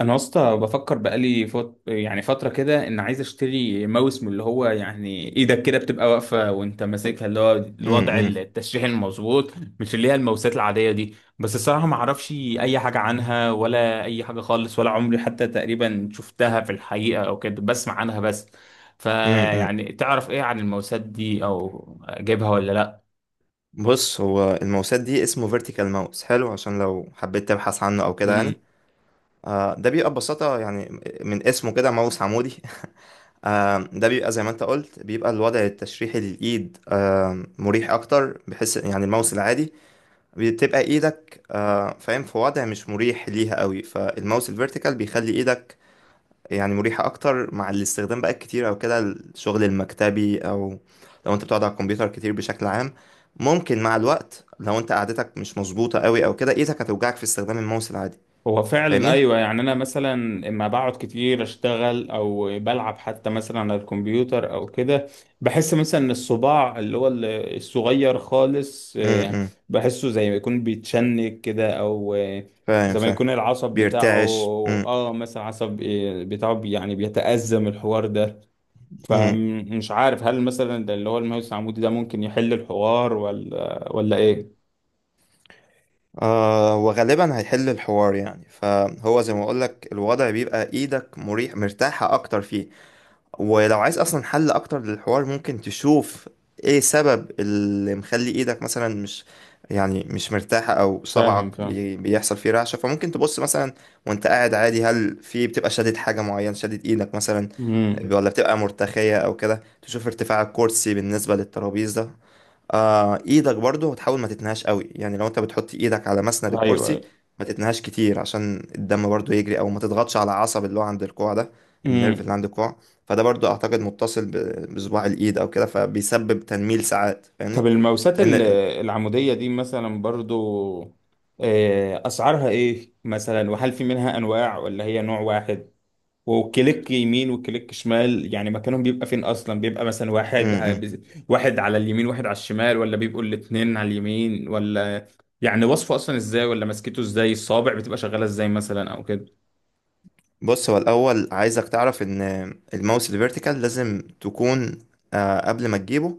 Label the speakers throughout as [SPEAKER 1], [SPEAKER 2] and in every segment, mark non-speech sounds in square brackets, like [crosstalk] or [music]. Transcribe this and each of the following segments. [SPEAKER 1] انا يا اسطى بفكر بقالي يعني فتره كده ان عايز اشتري ماوس من اللي هو يعني ايدك كده بتبقى واقفه وانت ماسكها اللي هو
[SPEAKER 2] امم
[SPEAKER 1] الوضع
[SPEAKER 2] امم
[SPEAKER 1] التشريح المظبوط. مش اللي هي الماوسات العاديه دي، بس الصراحه ما اعرفش اي حاجه عنها ولا اي حاجه خالص، ولا عمري حتى تقريبا شفتها في الحقيقه او كده، بسمع عنها بس.
[SPEAKER 2] امم، امم.
[SPEAKER 1] فيعني تعرف ايه عن الماوسات دي او اجيبها ولا؟
[SPEAKER 2] بص، هو الماوسات دي اسمه فيرتيكال ماوس حلو عشان لو حبيت تبحث عنه او كده يعني.
[SPEAKER 1] لا
[SPEAKER 2] آه، ده بيبقى ببساطة يعني من اسمه كده ماوس عمودي. [laughs] آه، ده بيبقى زي ما انت قلت، بيبقى الوضع التشريحي للإيد، مريح أكتر بحيث يعني الماوس العادي بتبقى إيدك فاهم في وضع مش مريح ليها قوي، فالماوس الفيرتيكال بيخلي إيدك يعني مريحة أكتر مع الاستخدام بقى الكتير، أو كده الشغل المكتبي، أو لو أنت بتقعد على الكمبيوتر كتير بشكل عام. ممكن مع الوقت لو أنت قعدتك مش مظبوطة قوي أو كده إيدك هتوجعك في استخدام الماوس العادي.
[SPEAKER 1] هو فعلا
[SPEAKER 2] فاهمني؟
[SPEAKER 1] ايوه، يعني انا مثلا اما بقعد كتير اشتغل او بلعب حتى مثلا على الكمبيوتر او كده، بحس مثلا ان الصباع اللي هو الصغير خالص
[SPEAKER 2] امم،
[SPEAKER 1] آه،
[SPEAKER 2] إمم.
[SPEAKER 1] بحسه زي ما يكون بيتشنج كده او آه،
[SPEAKER 2] فاهم
[SPEAKER 1] زي ما
[SPEAKER 2] فاهم.
[SPEAKER 1] يكون العصب بتاعه.
[SPEAKER 2] بيرتعش. امم،
[SPEAKER 1] اه مثلا عصب آه، بتاعه يعني بيتأزم الحوار ده.
[SPEAKER 2] إمم.
[SPEAKER 1] فمش عارف هل مثلا ده اللي هو الماوس العمودي ده ممكن يحل الحوار ولا ايه؟
[SPEAKER 2] آه، وغالبا هيحل الحوار يعني، فهو زي ما أقولك الوضع بيبقى إيدك مريح، مرتاحة أكتر فيه. ولو عايز اصلا حل اكتر للحوار ممكن تشوف ايه سبب اللي مخلي ايدك مثلا مش، يعني مش مرتاحة، او
[SPEAKER 1] فاهم فاهم.
[SPEAKER 2] بيحصل فيه رعشة، فممكن تبص مثلا وانت قاعد عادي، هل في بتبقى شادد حاجة معينة، شادد ايدك مثلا،
[SPEAKER 1] امم
[SPEAKER 2] ولا بتبقى مرتخية او كده. تشوف ارتفاع الكرسي بالنسبة للترابيزة، ايدك برضو، وتحاول ما تتنهاش قوي، يعني لو انت بتحط ايدك على مسند
[SPEAKER 1] ايوه
[SPEAKER 2] الكرسي ما تتنهاش كتير عشان الدم برضو يجري، او ما تضغطش على عصب اللي هو عند الكوع ده، النيرف
[SPEAKER 1] امم.
[SPEAKER 2] اللي عند الكوع. فده برضو اعتقد متصل بصباع الايد او كده، فبيسبب تنميل ساعات، فاهمني.
[SPEAKER 1] طب الموسات
[SPEAKER 2] لان ال-
[SPEAKER 1] العمودية دي مثلا برضو آه، أسعارها إيه مثلا، وهل في منها أنواع ولا هي نوع واحد؟ وكليك يمين وكليك شمال، يعني مكانهم بيبقى فين أصلا، بيبقى مثلا
[SPEAKER 2] م-
[SPEAKER 1] واحد
[SPEAKER 2] م.
[SPEAKER 1] واحد على اليمين واحد على الشمال، ولا بيبقوا الاتنين على اليمين، ولا يعني وصفه أصلا إزاي، ولا ماسكته إزاي، الصابع بتبقى شغالة إزاي مثلا أو كده؟
[SPEAKER 2] بص، هو الاول عايزك تعرف ان الماوس الفيرتيكال لازم تكون، قبل ما تجيبه،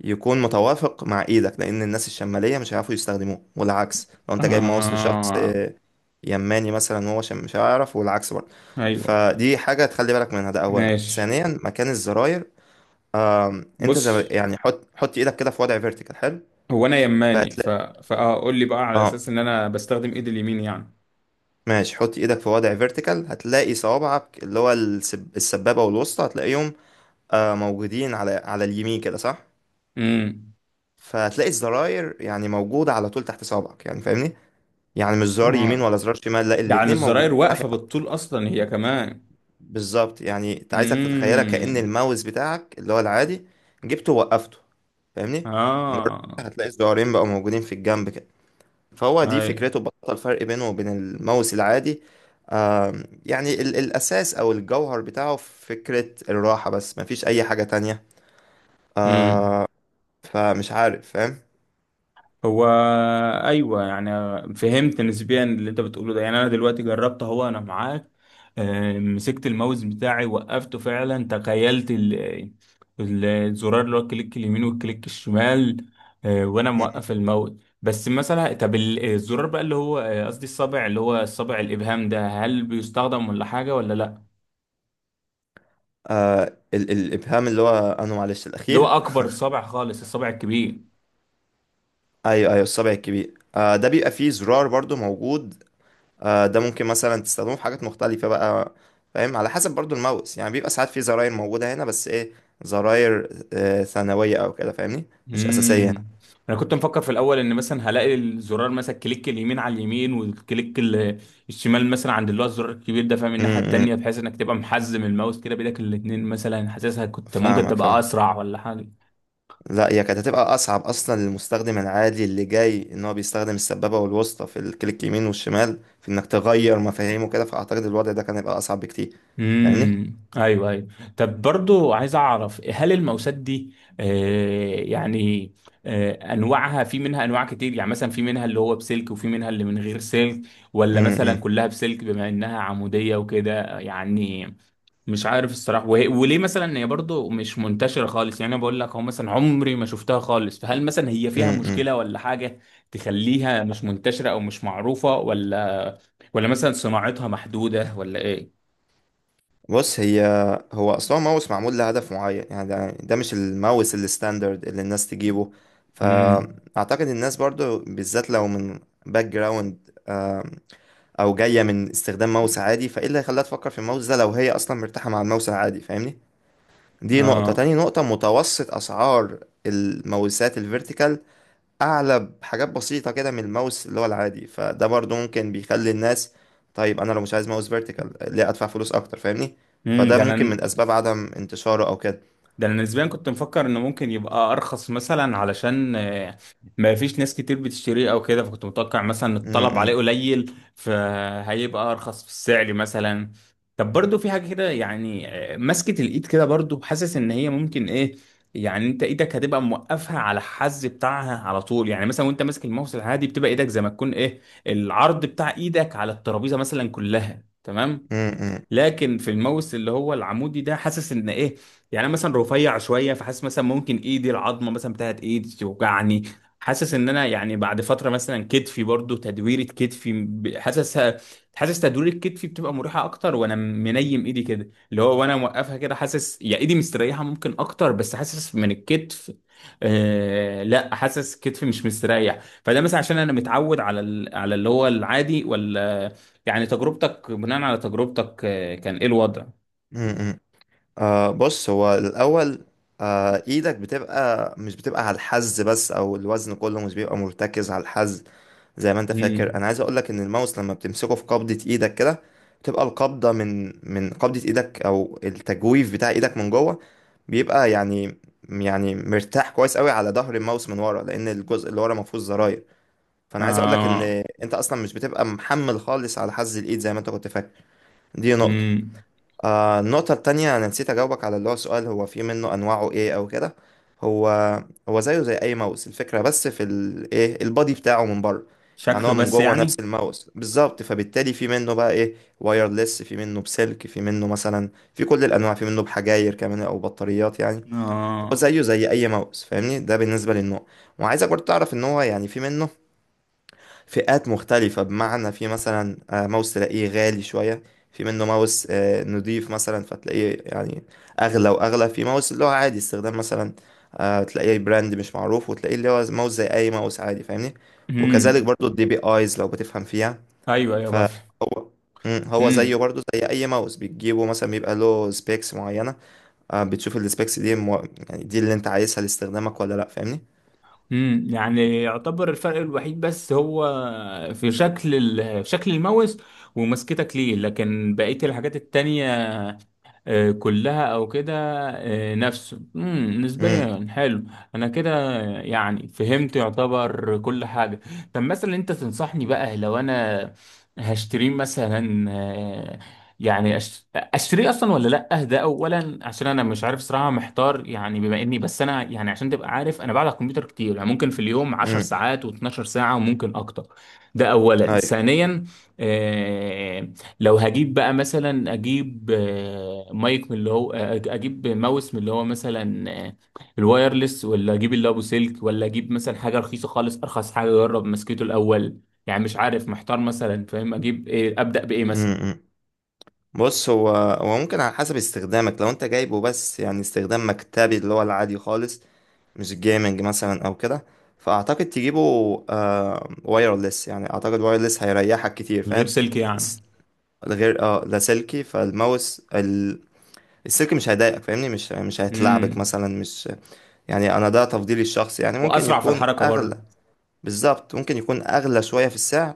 [SPEAKER 2] يكون متوافق مع ايدك، لان الناس الشماليه مش هيعرفوا يستخدموه، والعكس لو انت جايب ماوس لشخص
[SPEAKER 1] آه.
[SPEAKER 2] يماني مثلا هو، عشان مش هيعرف، والعكس برضه.
[SPEAKER 1] أيوه.
[SPEAKER 2] فدي حاجة تخلي بالك منها، ده أولا.
[SPEAKER 1] ماشي.
[SPEAKER 2] ثانيا، مكان الزراير. أنت زي ما-
[SPEAKER 1] بص
[SPEAKER 2] يعني حط إيدك كده في وضع فيرتيكال حلو،
[SPEAKER 1] هو أنا يماني
[SPEAKER 2] فهتلاقي.
[SPEAKER 1] فأقول لي بقى على
[SPEAKER 2] اه
[SPEAKER 1] أساس إن أنا بستخدم إيدي اليمين يعني.
[SPEAKER 2] ماشي، حط إيدك في وضع فيرتيكال، هتلاقي صوابعك اللي هو السبابة والوسطى، هتلاقيهم موجودين على اليمين كده صح.
[SPEAKER 1] امم.
[SPEAKER 2] فهتلاقي الزراير يعني موجودة على طول تحت صوابعك، يعني فاهمني، يعني مش زرار يمين
[SPEAKER 1] اه.
[SPEAKER 2] ولا زرار شمال، لا
[SPEAKER 1] يعني
[SPEAKER 2] الاتنين موجودين.
[SPEAKER 1] الزراير واقفة بالطول اصلا هي كمان.
[SPEAKER 2] بالظبط، يعني انت عايزك تتخيلها كأن
[SPEAKER 1] امم.
[SPEAKER 2] الماوس بتاعك اللي هو العادي جبته ووقفته، فاهمني، مجرد
[SPEAKER 1] اه.
[SPEAKER 2] هتلاقي الزرارين بقوا موجودين في الجنب كده. فهو دي
[SPEAKER 1] اي.
[SPEAKER 2] فكرته، بطل الفرق بينه وبين الماوس العادي. يعني الأساس أو الجوهر بتاعه في فكرة الراحة بس، مفيش أي حاجة تانية.
[SPEAKER 1] امم.
[SPEAKER 2] فمش عارف فاهم.
[SPEAKER 1] هو ايوه يعني، فهمت نسبيا اللي انت بتقوله ده. يعني انا دلوقتي جربت اهو، انا معاك آه، مسكت الماوس بتاعي وقفته فعلا، تخيلت الزرار اللي هو الكليك اليمين والكليك الشمال آه، وانا موقف الماوس. بس مثلا طب الزرار بقى اللي هو آه، قصدي الصابع اللي هو الصابع الابهام ده، هل بيستخدم ولا حاجه ولا لا؟
[SPEAKER 2] آه، ال الإبهام اللي هو أنا معلش
[SPEAKER 1] اللي هو
[SPEAKER 2] الأخير.
[SPEAKER 1] اكبر صابع خالص، الصابع الكبير.
[SPEAKER 2] أيوه أيوه، الصبع الكبير ده بيبقى فيه زرار برضو موجود، ده ممكن مثلا تستخدمه في حاجات مختلفة بقى فاهم، على حسب برضو الماوس، يعني بيبقى ساعات في زراير موجودة هنا، بس ايه؟ زراير ثانوية او كده فاهمني، مش أساسية.
[SPEAKER 1] امم. انا كنت مفكر في الاول ان مثلا هلاقي الزرار مثلا كليك اليمين على اليمين، والكليك الشمال مثلا عند اللي هو الزرار الكبير ده، فاهم، الناحيه
[SPEAKER 2] امم،
[SPEAKER 1] التانيه، بحيث انك تبقى محزم الماوس كده بايدك الاتنين، مثلا حاسسها كنت ممكن
[SPEAKER 2] فاهمك
[SPEAKER 1] تبقى
[SPEAKER 2] فاهم.
[SPEAKER 1] اسرع ولا حاجه.
[SPEAKER 2] لا، هي كانت هتبقى أصعب أصلا للمستخدم العادي اللي جاي، إن هو بيستخدم السبابة والوسطى في الكليك يمين والشمال، في إنك تغير مفاهيمه كده، فأعتقد الوضع ده كان هيبقى أصعب بكتير. فاهمني؟
[SPEAKER 1] ايوه ايوه. طب برضو عايز اعرف هل الماوسات دي آه يعني آه انواعها في منها انواع كتير، يعني مثلا في منها اللي هو بسلك وفي منها اللي من غير سلك، ولا مثلا كلها بسلك بما انها عموديه وكده يعني. مش عارف الصراحة، وهي وليه مثلا هي برضو مش منتشرة خالص؟ يعني انا بقول لك اهو، مثلا عمري ما شفتها خالص. فهل مثلا هي فيها
[SPEAKER 2] امم،
[SPEAKER 1] مشكلة ولا حاجة تخليها مش منتشرة او مش معروفة، ولا مثلا صناعتها محدودة ولا ايه؟
[SPEAKER 2] بص هو اصلا ماوس معمول لهدف معين يعني، ده مش الماوس الستاندرد اللي الناس تجيبه.
[SPEAKER 1] امم.
[SPEAKER 2] فاعتقد الناس برضو بالذات لو من باك جراوند او جايه من استخدام ماوس عادي، فايه اللي هيخليها تفكر في الماوس ده لو هي اصلا مرتاحه مع الماوس العادي؟ فاهمني. دي نقطه.
[SPEAKER 1] اه.
[SPEAKER 2] تاني نقطه، متوسط اسعار الماوسات الفيرتيكال اعلى بحاجات بسيطه كده من الماوس اللي هو العادي، فده برضو ممكن بيخلي الناس، طيب انا لو مش عايز ماوس فيرتيكال ليه ادفع فلوس اكتر؟ فاهمني.
[SPEAKER 1] امم.
[SPEAKER 2] فده
[SPEAKER 1] ده
[SPEAKER 2] ممكن من
[SPEAKER 1] انا
[SPEAKER 2] اسباب عدم انتشاره او كده.
[SPEAKER 1] ده انا نسبيا كنت مفكر انه ممكن يبقى ارخص مثلا، علشان آه، ما فيش ناس كتير بتشتريه او كده، فكنت متوقع مثلا
[SPEAKER 2] م-
[SPEAKER 1] الطلب عليه
[SPEAKER 2] م-
[SPEAKER 1] قليل فهيبقى ارخص في السعر مثلا. طب برضو في حاجة كده يعني آه، مسكة الايد كده برضو، حاسس ان هي ممكن ايه، يعني انت ايدك هتبقى موقفها على الحز بتاعها على طول، يعني مثلا وانت ماسك الماوس العادي بتبقى ايدك زي ما تكون ايه، العرض بتاع ايدك على الترابيزة مثلا كلها تمام.
[SPEAKER 2] م- م-
[SPEAKER 1] لكن في الماوس اللي هو العمودي ده حاسس ان ايه، يعني انا مثلا رفيع شويه، فحاسس مثلا ممكن ايدي العظمه مثلا بتاعت ايدي توجعني. حاسس ان انا يعني بعد فتره مثلا كتفي برضو تدويره كتفي حاسس، حاسس تدوير كتفي بتبقى مريحه اكتر، وانا منيم ايدي كده اللي هو، وانا موقفها كده حاسس يا ايدي مستريحه ممكن اكتر، بس حاسس من الكتف آه، لا حاسس كتفي مش مستريح. فده مثلا عشان انا متعود على على اللي هو العادي ولا يعني، تجربتك بناء على تجربتك آه، كان ايه الوضع؟
[SPEAKER 2] م- م. بص هو الاول، ايدك بتبقى، مش بتبقى على الحز بس، او الوزن كله مش بيبقى مرتكز على الحز. زي ما انت فاكر،
[SPEAKER 1] مم.
[SPEAKER 2] انا عايز اقول لك ان الماوس لما بتمسكه في قبضة ايدك كده، بتبقى القبضة من قبضة ايدك، او التجويف بتاع ايدك من جوه، بيبقى يعني، يعني مرتاح كويس قوي على ظهر الماوس من ورا، لان الجزء اللي ورا ما فيهوش زراير. فانا عايز اقول لك ان
[SPEAKER 1] آه.
[SPEAKER 2] انت اصلا مش بتبقى محمل خالص على حز الايد زي ما انت كنت فاكر. دي نقطة.
[SPEAKER 1] مم.
[SPEAKER 2] آه، النقطة التانية، أنا نسيت أجاوبك على اللي هو سؤال، هو في منه أنواعه إيه أو كده. هو هو زيه زي أي ماوس الفكرة، بس في ال إيه البادي بتاعه من بره. يعني هو
[SPEAKER 1] شكله
[SPEAKER 2] من
[SPEAKER 1] بس
[SPEAKER 2] جوه نفس
[SPEAKER 1] يعني؟
[SPEAKER 2] الماوس بالظبط، فبالتالي في منه بقى إيه، وايرلس، في منه بسلك، في منه مثلا في كل الأنواع، في منه بحجاير كمان أو بطاريات يعني. هو
[SPEAKER 1] آه.
[SPEAKER 2] زيه زي أي ماوس فاهمني، ده بالنسبة للنوع. وعايزك برضه تعرف إن هو يعني في منه فئات مختلفة، بمعنى في مثلا ماوس تلاقيه غالي شوية، في منه ماوس نضيف مثلا فتلاقيه يعني أغلى وأغلى، في ماوس اللي هو عادي استخدام مثلا تلاقيه براند مش معروف، وتلاقيه اللي هو ماوس زي أي ماوس عادي فاهمني. وكذلك
[SPEAKER 1] مم.
[SPEAKER 2] برضو الدي بي آيز لو بتفهم فيها.
[SPEAKER 1] ايوه ايوه بفهم.
[SPEAKER 2] فهو مم، هو زيه
[SPEAKER 1] مم.
[SPEAKER 2] برضو زي أي ماوس بتجيبه مثلا بيبقى له سبيكس معينة، بتشوف السبيكس دي يعني دي اللي أنت عايزها لاستخدامك ولا لأ، فاهمني.
[SPEAKER 1] مم. يعني يعتبر الفرق الوحيد بس هو في شكل شكل الماوس ومسكتك ليه، لكن بقية الحاجات التانية آه، كلها او كده آه، نفسه مم،
[SPEAKER 2] امم،
[SPEAKER 1] نسبيا حلو. انا كده يعني فهمت، يعتبر كل حاجه. طب مثلا انت تنصحني بقى لو انا هشتريه مثلا آه، يعني اشتريه اصلا ولا لا؟ ده اولا، عشان انا مش عارف صراحه محتار، يعني بما اني بس انا يعني عشان تبقى عارف، انا بقعد على الكمبيوتر كتير يعني، ممكن في اليوم 10
[SPEAKER 2] امم،
[SPEAKER 1] ساعات و12 ساعه وممكن اكتر. ده اولا.
[SPEAKER 2] ايوه،
[SPEAKER 1] ثانيا آه، لو هجيب بقى مثلا اجيب آه، مايك من اللي هو آه، اجيب ماوس من اللي هو مثلا آه، الوايرلس ولا اجيب اللي ابو سلك، ولا اجيب مثلا حاجه رخيصه خالص ارخص حاجه اجرب مسكته الاول. يعني مش عارف محتار مثلا فاهم، اجيب ايه، ابدا بايه
[SPEAKER 2] مم،
[SPEAKER 1] مثلا؟
[SPEAKER 2] مم. بص هو، هو ممكن على حسب استخدامك، لو انت جايبه بس يعني استخدام مكتبي اللي هو العادي خالص، مش جيمنج مثلا او كده، فاعتقد تجيبه وايرلس، يعني اعتقد وايرلس هيريحك كتير
[SPEAKER 1] من غير
[SPEAKER 2] فاهم.
[SPEAKER 1] سلك يعني.
[SPEAKER 2] الس- غير لا سلكي، السلكي مش هيضايقك، فاهمني مش هيتلعبك
[SPEAKER 1] امم.
[SPEAKER 2] مثلا، مش يعني. انا ده تفضيلي الشخصي يعني، ممكن
[SPEAKER 1] واسرع في
[SPEAKER 2] يكون
[SPEAKER 1] الحركه
[SPEAKER 2] اغلى.
[SPEAKER 1] برضه.
[SPEAKER 2] بالظبط، ممكن يكون أغلى شوية في السعر،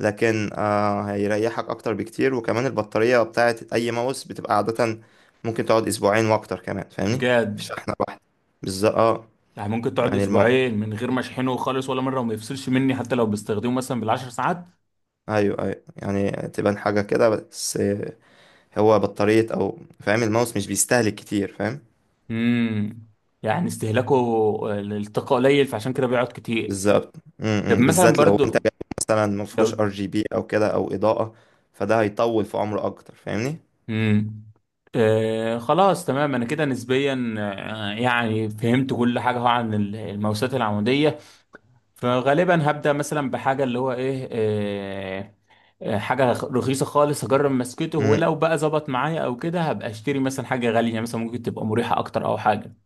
[SPEAKER 2] لكن هيريحك أكتر بكتير، وكمان البطارية بتاعة أي ماوس بتبقى عادة ممكن تقعد أسبوعين وأكتر كمان، فاهمني، مش
[SPEAKER 1] بجد.
[SPEAKER 2] شحنة واحدة. بالظبط اه.
[SPEAKER 1] يعني ممكن تقعد
[SPEAKER 2] يعني المو...
[SPEAKER 1] اسبوعين من غير ما اشحنه خالص ولا مره وما يفصلش مني حتى لو بستخدمه مثلا بالعشر ساعات؟
[SPEAKER 2] أيوه أيوه، يعني تبان حاجة كده بس هو بطارية، أو فاهم الماوس مش بيستهلك كتير فاهم.
[SPEAKER 1] امم. يعني استهلاكه للطاقه قليل فعشان كده بيقعد كتير.
[SPEAKER 2] بالظبط،
[SPEAKER 1] طب
[SPEAKER 2] م- م،
[SPEAKER 1] مثلا
[SPEAKER 2] بالذات لو أنت
[SPEAKER 1] برضو
[SPEAKER 2] مثلا مفهوش ار
[SPEAKER 1] لو.
[SPEAKER 2] جي بي أو كده أو إضاءة، فده هيطول في عمره أكتر، فاهمني.
[SPEAKER 1] مم. آه خلاص تمام، انا كده نسبيا آه يعني فهمت كل حاجه هو عن الموسات العموديه. فغالبا هبدا مثلا بحاجه اللي هو ايه آه آه، حاجه رخيصه خالص هجرب مسكته،
[SPEAKER 2] إمم،
[SPEAKER 1] ولو بقى ظبط معايا او كده هبقى اشتري مثلا حاجه غاليه مثلا ممكن تبقى مريحه اكتر او حاجه